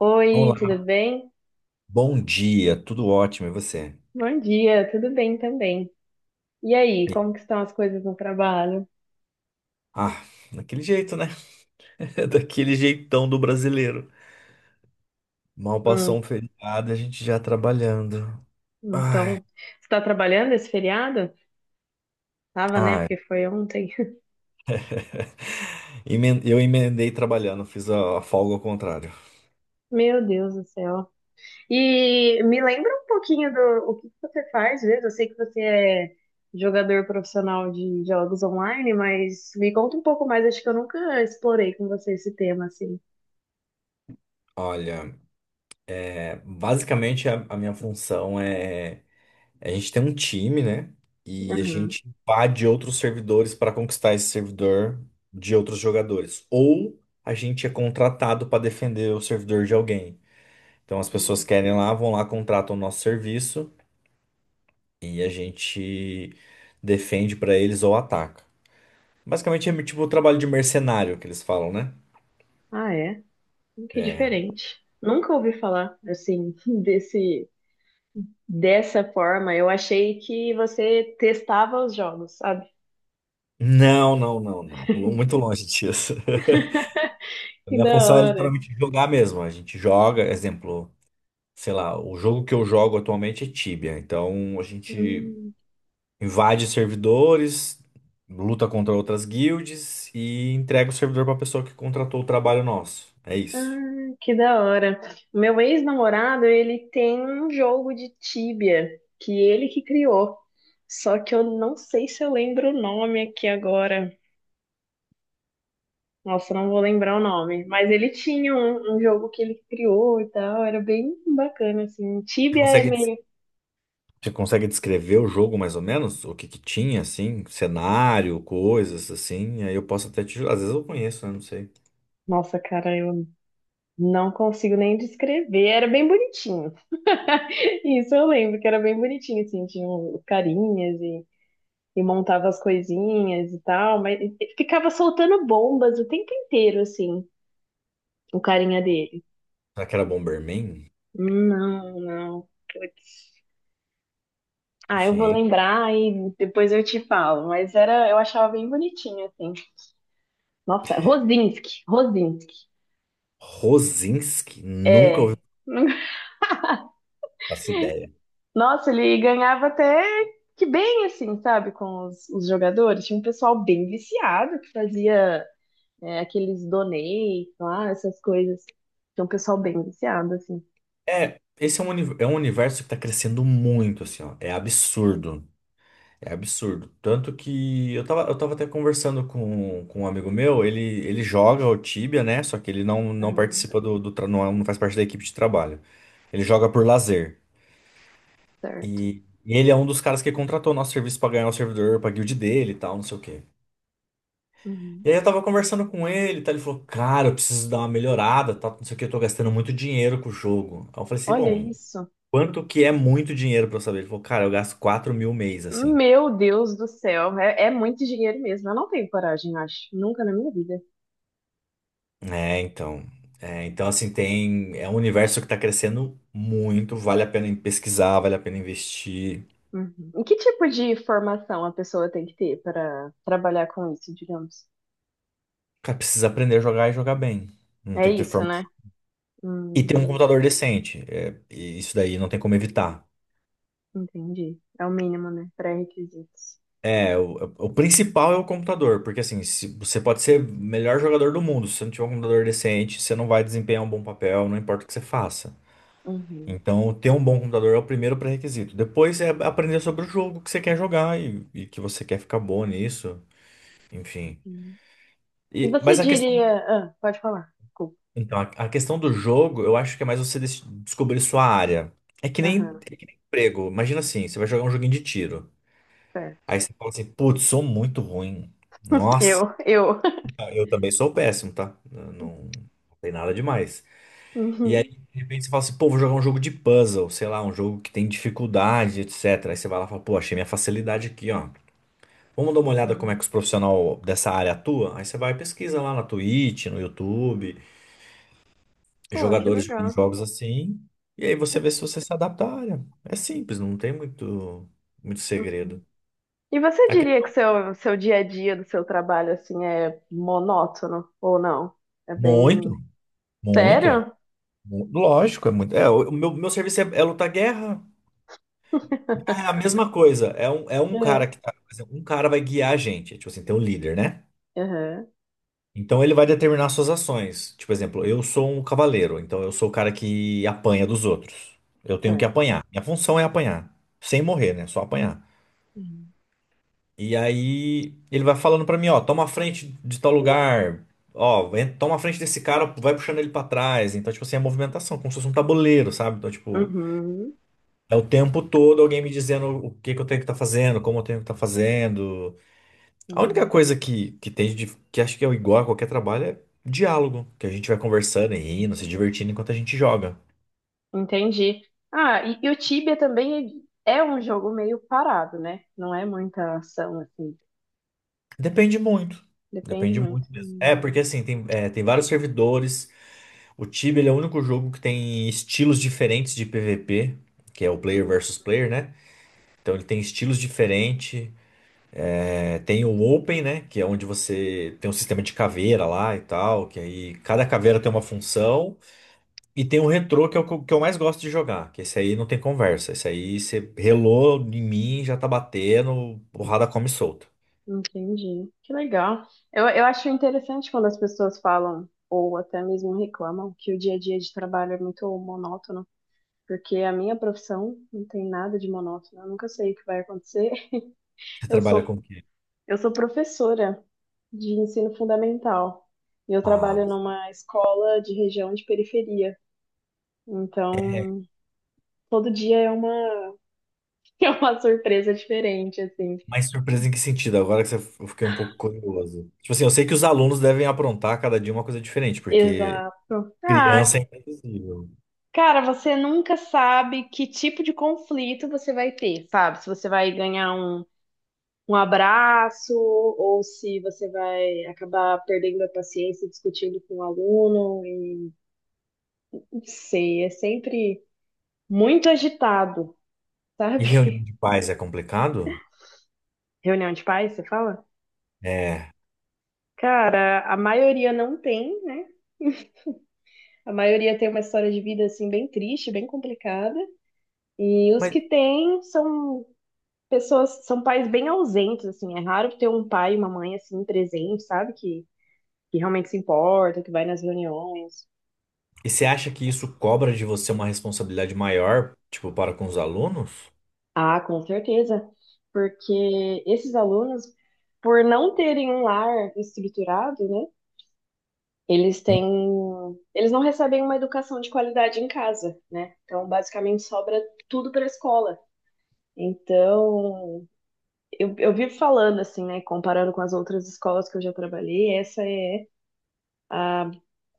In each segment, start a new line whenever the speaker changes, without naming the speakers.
Oi,
Olá,
tudo bem?
bom dia, tudo ótimo, e você?
Bom dia, tudo bem também. E aí,
E-
como que estão as coisas no trabalho?
Ah, daquele jeito, né? Daquele jeitão do brasileiro. Mal passou um
Hum,
feriado, a gente já trabalhando. Ai,
então, você está trabalhando esse feriado? Tava, né?
ai.
Porque foi ontem.
Eu emendei trabalhando, fiz a folga ao contrário.
Meu Deus do céu. E me lembra um pouquinho do o que que você faz mesmo. Eu sei que você é jogador profissional de jogos online, mas me conta um pouco mais. Acho que eu nunca explorei com você esse tema assim.
Olha, basicamente a minha função. A gente tem um time, né? E a
Uhum.
gente invade outros servidores para conquistar esse servidor de outros jogadores. Ou a gente é contratado para defender o servidor de alguém. Então as pessoas
Uhum.
querem lá, vão lá, contratam o nosso serviço e a gente defende pra eles ou ataca. Basicamente é tipo o trabalho de mercenário que eles falam, né?
Ah, é? Que
É.
diferente. Nunca ouvi falar assim desse. Dessa forma, eu achei que você testava os jogos, sabe?
Não, não, não, não. Muito longe disso. A
Que
minha
da
função é
hora.
literalmente jogar mesmo. A gente joga, exemplo, sei lá, o jogo que eu jogo atualmente é Tibia. Então a gente
Hum,
invade servidores, luta contra outras guilds e entrega o servidor pra pessoa que contratou o trabalho nosso. É isso.
ah, que da hora. Meu ex-namorado, ele tem um jogo de Tibia que ele que criou. Só que eu não sei se eu lembro o nome aqui agora. Nossa, não vou lembrar o nome. Mas ele tinha um jogo que ele criou e tal. Era bem bacana, assim. Tibia é
Consegue
meio.
Você consegue descrever o jogo mais ou menos? O que que tinha, assim? Cenário, coisas, assim? Aí eu posso até te ajudar. Às vezes eu conheço, né? Não sei.
Nossa, cara, eu não consigo nem descrever. Era bem bonitinho. Isso eu lembro, que era bem bonitinho, assim, tinha os carinhas e montava as coisinhas e tal, mas e ficava soltando bombas o tempo inteiro, assim, o carinha dele.
Será que era Bomberman?
Não, não, putz. Ah, eu vou
Gente.
lembrar e depois eu te falo, mas era, eu achava bem bonitinho, assim. Nossa, Rosinski, Rosinski,
Rosinski? Nunca ouvi
é.
essa ideia.
Nossa, ele ganhava até que bem, assim, sabe, com os jogadores. Tinha um pessoal bem viciado que fazia é, aqueles donate lá, essas coisas. Tem um pessoal bem viciado, assim.
É, esse é um universo que tá crescendo muito, assim, ó. É absurdo. É absurdo. Tanto que eu tava até conversando com um amigo meu, ele joga o Tibia, né? Só que ele não
Aham,
participa do não faz parte da equipe de trabalho. Ele joga por lazer.
certo.
E ele é um dos caras que contratou nosso serviço pra ganhar o servidor pra guild dele e tal, não sei o quê.
Uhum.
E aí eu tava conversando com ele, tá? Ele falou, cara, eu preciso dar uma melhorada, tá? Não sei o que, eu tô gastando muito dinheiro com o jogo. Aí eu falei assim,
Olha
bom,
isso.
quanto que é muito dinheiro pra eu saber? Ele falou, cara, eu gasto 4.000 mês, assim.
Meu Deus do céu, é, é muito dinheiro mesmo. Eu não tenho coragem, eu acho. Nunca na minha vida.
É, então. É, então, assim, tem. É um universo que tá crescendo muito, vale a pena em pesquisar, vale a pena investir.
Uhum. E que tipo de formação a pessoa tem que ter para trabalhar com isso, digamos?
Cara, precisa aprender a jogar e jogar bem. Não
É
tem que ter
isso,
formação.
né?
E ter um
Hum,
computador decente. É, e isso daí não tem como evitar.
entendi. É o mínimo, né? Pré-requisitos.
É, o principal é o computador, porque assim, se, você pode ser o melhor jogador do mundo, se você não tiver um computador decente, você não vai desempenhar um bom papel, não importa o que você faça.
Uhum.
Então, ter um bom computador é o primeiro pré-requisito. Depois é aprender sobre o jogo que você quer jogar e que você quer ficar bom nisso, enfim.
Uhum. E
E,
você
mas a questão,
diria. Ah, pode falar. Desculpa.
então, a questão do jogo, eu acho que é mais você descobrir sua área. É que nem,
Aham,
é que nem emprego. Imagina assim, você vai jogar um joguinho de tiro.
certo.
Aí você fala assim, putz, sou muito ruim. Nossa.
Eu.
Ah, eu também sou péssimo, tá? Eu Não, não tem nada demais. E aí,
Uhum.
de repente, você fala assim, pô, vou jogar um jogo de puzzle, sei lá, um jogo que tem dificuldade, etc. Aí você vai lá e fala, pô, achei minha facilidade aqui, ó. Vamos dar uma olhada como é
Uhum,
que os profissionais dessa área atuam? Aí você vai e pesquisa lá na Twitch, no YouTube,
pô, que
jogadores jogando
legal.
jogos assim, e aí você vê se você se adapta à área. É simples, não tem muito, muito
Uhum.
segredo.
E você
A
diria que
questão-
seu dia a dia do seu trabalho, assim, é monótono ou não? É bem...
Muito, muito.
Sério?
Lógico, é muito. É, o meu serviço é lutar guerra.
É.
É a mesma coisa. É um cara que tá. Por exemplo, um cara vai guiar a gente. Tipo assim, tem um líder, né?
Uhum.
Então ele vai determinar suas ações. Tipo, por exemplo, eu sou um cavaleiro, então eu sou o cara que apanha dos outros. Eu tenho que
É.
apanhar. Minha função é apanhar. Sem morrer, né? Só apanhar.
Uhum,
E aí ele vai falando pra mim, ó, toma a frente de tal lugar. Ó, toma a frente desse cara, vai puxando ele pra trás. Então, tipo assim, é movimentação, como se fosse um tabuleiro, sabe? Então, tipo,
uhum.
é o tempo todo alguém me dizendo o que que eu tenho que estar fazendo, como eu tenho que estar fazendo. A única
Uhum.
coisa que que acho que é igual a qualquer trabalho é diálogo, que a gente vai conversando e rindo, se divertindo enquanto a gente joga.
Entendi. Ah, e o Tibia também é um jogo meio parado, né? Não é muita ação, assim.
Depende muito.
Depende
Depende
muito.
muito mesmo. É, porque
Hum.
assim, tem vários servidores. O Tibia, ele é o único jogo que tem estilos diferentes de PVP, que é o player
Uhum.
versus player, né? Então ele tem estilos diferentes. É, tem o Open, né? Que é onde você tem um sistema de caveira lá e tal, que aí cada caveira tem uma função. E tem o retrô que é o que eu mais gosto de jogar, que esse aí não tem conversa. Esse aí você relou em mim, já tá batendo, porrada come solta.
Entendi. Que legal. Eu acho interessante quando as pessoas falam, ou até mesmo reclamam, que o dia a dia de trabalho é muito monótono, porque a minha profissão não tem nada de monótono. Eu nunca sei o que vai acontecer.
Você
Eu
trabalha
sou,
com o quê?
eu sou professora de ensino fundamental e eu
Ah,
trabalho numa escola de região de periferia. Então, todo dia é uma, é uma surpresa diferente, assim.
mas surpresa em que sentido? Agora que você, eu fiquei um pouco curioso. Tipo assim, eu sei que os alunos devem aprontar cada dia uma coisa diferente, porque
Exato. Ah,
criança é imprevisível.
cara, você nunca sabe que tipo de conflito você vai ter, sabe? Se você vai ganhar um abraço ou se você vai acabar perdendo a paciência discutindo com o aluno. E... Não sei, é sempre muito agitado,
E reunião
sabe?
de pais é complicado?
Reunião de pais, você fala?
É.
Cara, a maioria não tem, né? A maioria tem uma história de vida assim bem triste, bem complicada. E os
Mas
que têm são pessoas são pais bem ausentes, assim, é raro ter um pai e uma mãe assim presente, sabe? Que realmente se importa, que vai nas reuniões.
e você acha que isso cobra de você uma responsabilidade maior, tipo, para com os alunos?
Ah, com certeza, porque esses alunos, por não terem um lar estruturado, né? Eles têm, eles não recebem uma educação de qualidade em casa, né? Então, basicamente, sobra tudo para a escola. Então, eu vivo falando assim, né? Comparando com as outras escolas que eu já trabalhei, essa é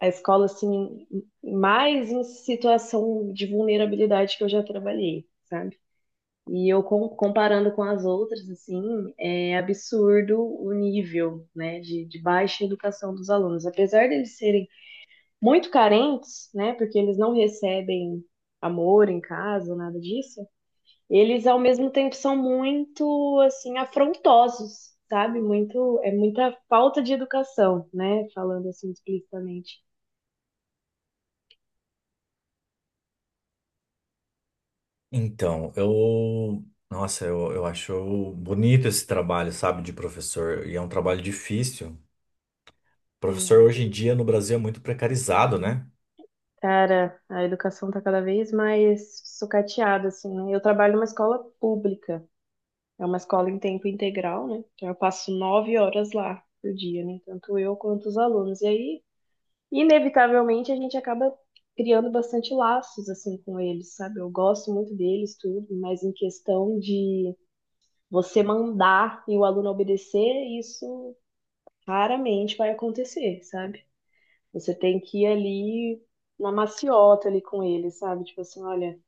a escola assim mais em situação de vulnerabilidade que eu já trabalhei, sabe? E eu com- comparando com as outras, assim, é absurdo o nível, né, de baixa educação dos alunos. Apesar deles serem muito carentes, né, porque eles não recebem amor em casa, nada disso, eles ao mesmo tempo são muito, assim, afrontosos, sabe? Muito, é muita falta de educação, né, falando assim explicitamente.
Então, eu. Nossa, eu acho bonito esse trabalho, sabe, de professor. E é um trabalho difícil. Professor
É.
hoje em dia no Brasil é muito precarizado, né?
Cara, a educação tá cada vez mais sucateada, assim, né? Eu trabalho numa escola pública, é uma escola em tempo integral, né? Então eu passo 9 horas lá por dia, né? Tanto eu quanto os alunos. E aí, inevitavelmente, a gente acaba criando bastante laços, assim, com eles, sabe? Eu gosto muito deles, tudo, mas em questão de você mandar e o aluno obedecer, isso raramente vai acontecer, sabe? Você tem que ir ali na maciota ali com ele, sabe? Tipo assim, olha.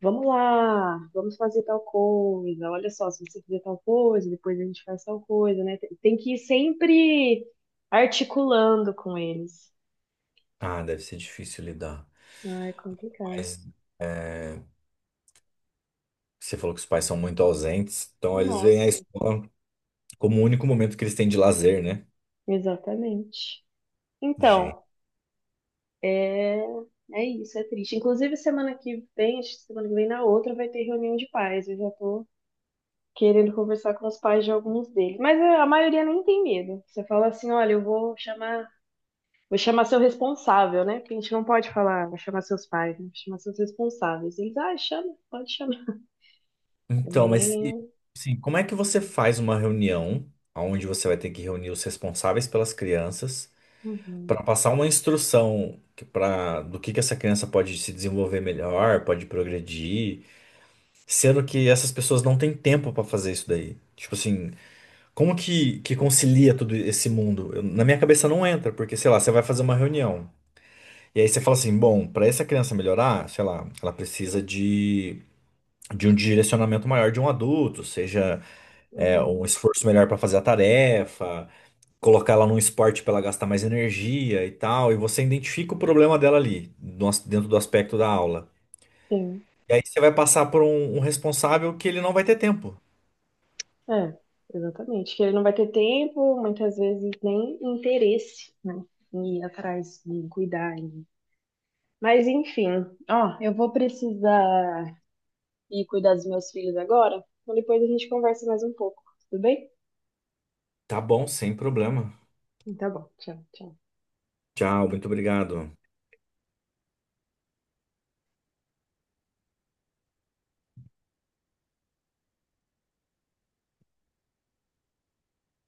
Vamos lá, vamos fazer tal coisa. Olha só, se você fizer tal coisa, depois a gente faz tal coisa, né? Tem que ir sempre articulando com eles.
Ah, deve ser difícil lidar.
Ah, é complicado.
Mas você falou que os pais são muito ausentes, então eles veem a
Nossa,
escola como o único momento que eles têm de lazer, né?
exatamente.
Gente.
Então, é, é isso, é triste. Inclusive, semana que vem, acho que semana que vem, na outra, vai ter reunião de pais. Eu já tô querendo conversar com os pais de alguns deles. Mas é, a maioria nem tem medo. Você fala assim: olha, eu vou chamar. Vou chamar seu responsável, né? Porque a gente não pode falar, vou chamar seus pais, né? Vou chamar seus responsáveis. Eles, ah, chama, pode chamar. É
Então, mas e,
bem.
assim, como é que você faz uma reunião onde você vai ter que reunir os responsáveis pelas crianças?
Uhum,
Para passar uma instrução para do que essa criança pode se desenvolver melhor, pode progredir, sendo que essas pessoas não têm tempo para fazer isso daí. Tipo assim, como que concilia todo esse mundo? Na minha cabeça não entra, porque sei lá, você vai fazer uma reunião e aí você fala assim, bom, para essa criança melhorar, sei lá, ela precisa de um direcionamento maior de um adulto, seja um
uhum,
esforço melhor para fazer a tarefa, colocar ela num esporte para ela gastar mais energia e tal, e você identifica o problema dela ali, no as- dentro do aspecto da aula.
sim,
E aí você vai passar por um responsável que ele não vai ter tempo.
é, exatamente. Que ele não vai ter tempo, muitas vezes nem interesse, né? Em ir atrás, em cuidar. Em- Mas, enfim, ó, eu vou precisar ir cuidar dos meus filhos agora, então depois a gente conversa mais um pouco, tudo bem?
Tá bom, sem problema.
Então, tá bom, tchau, tchau.
Tchau, muito obrigado.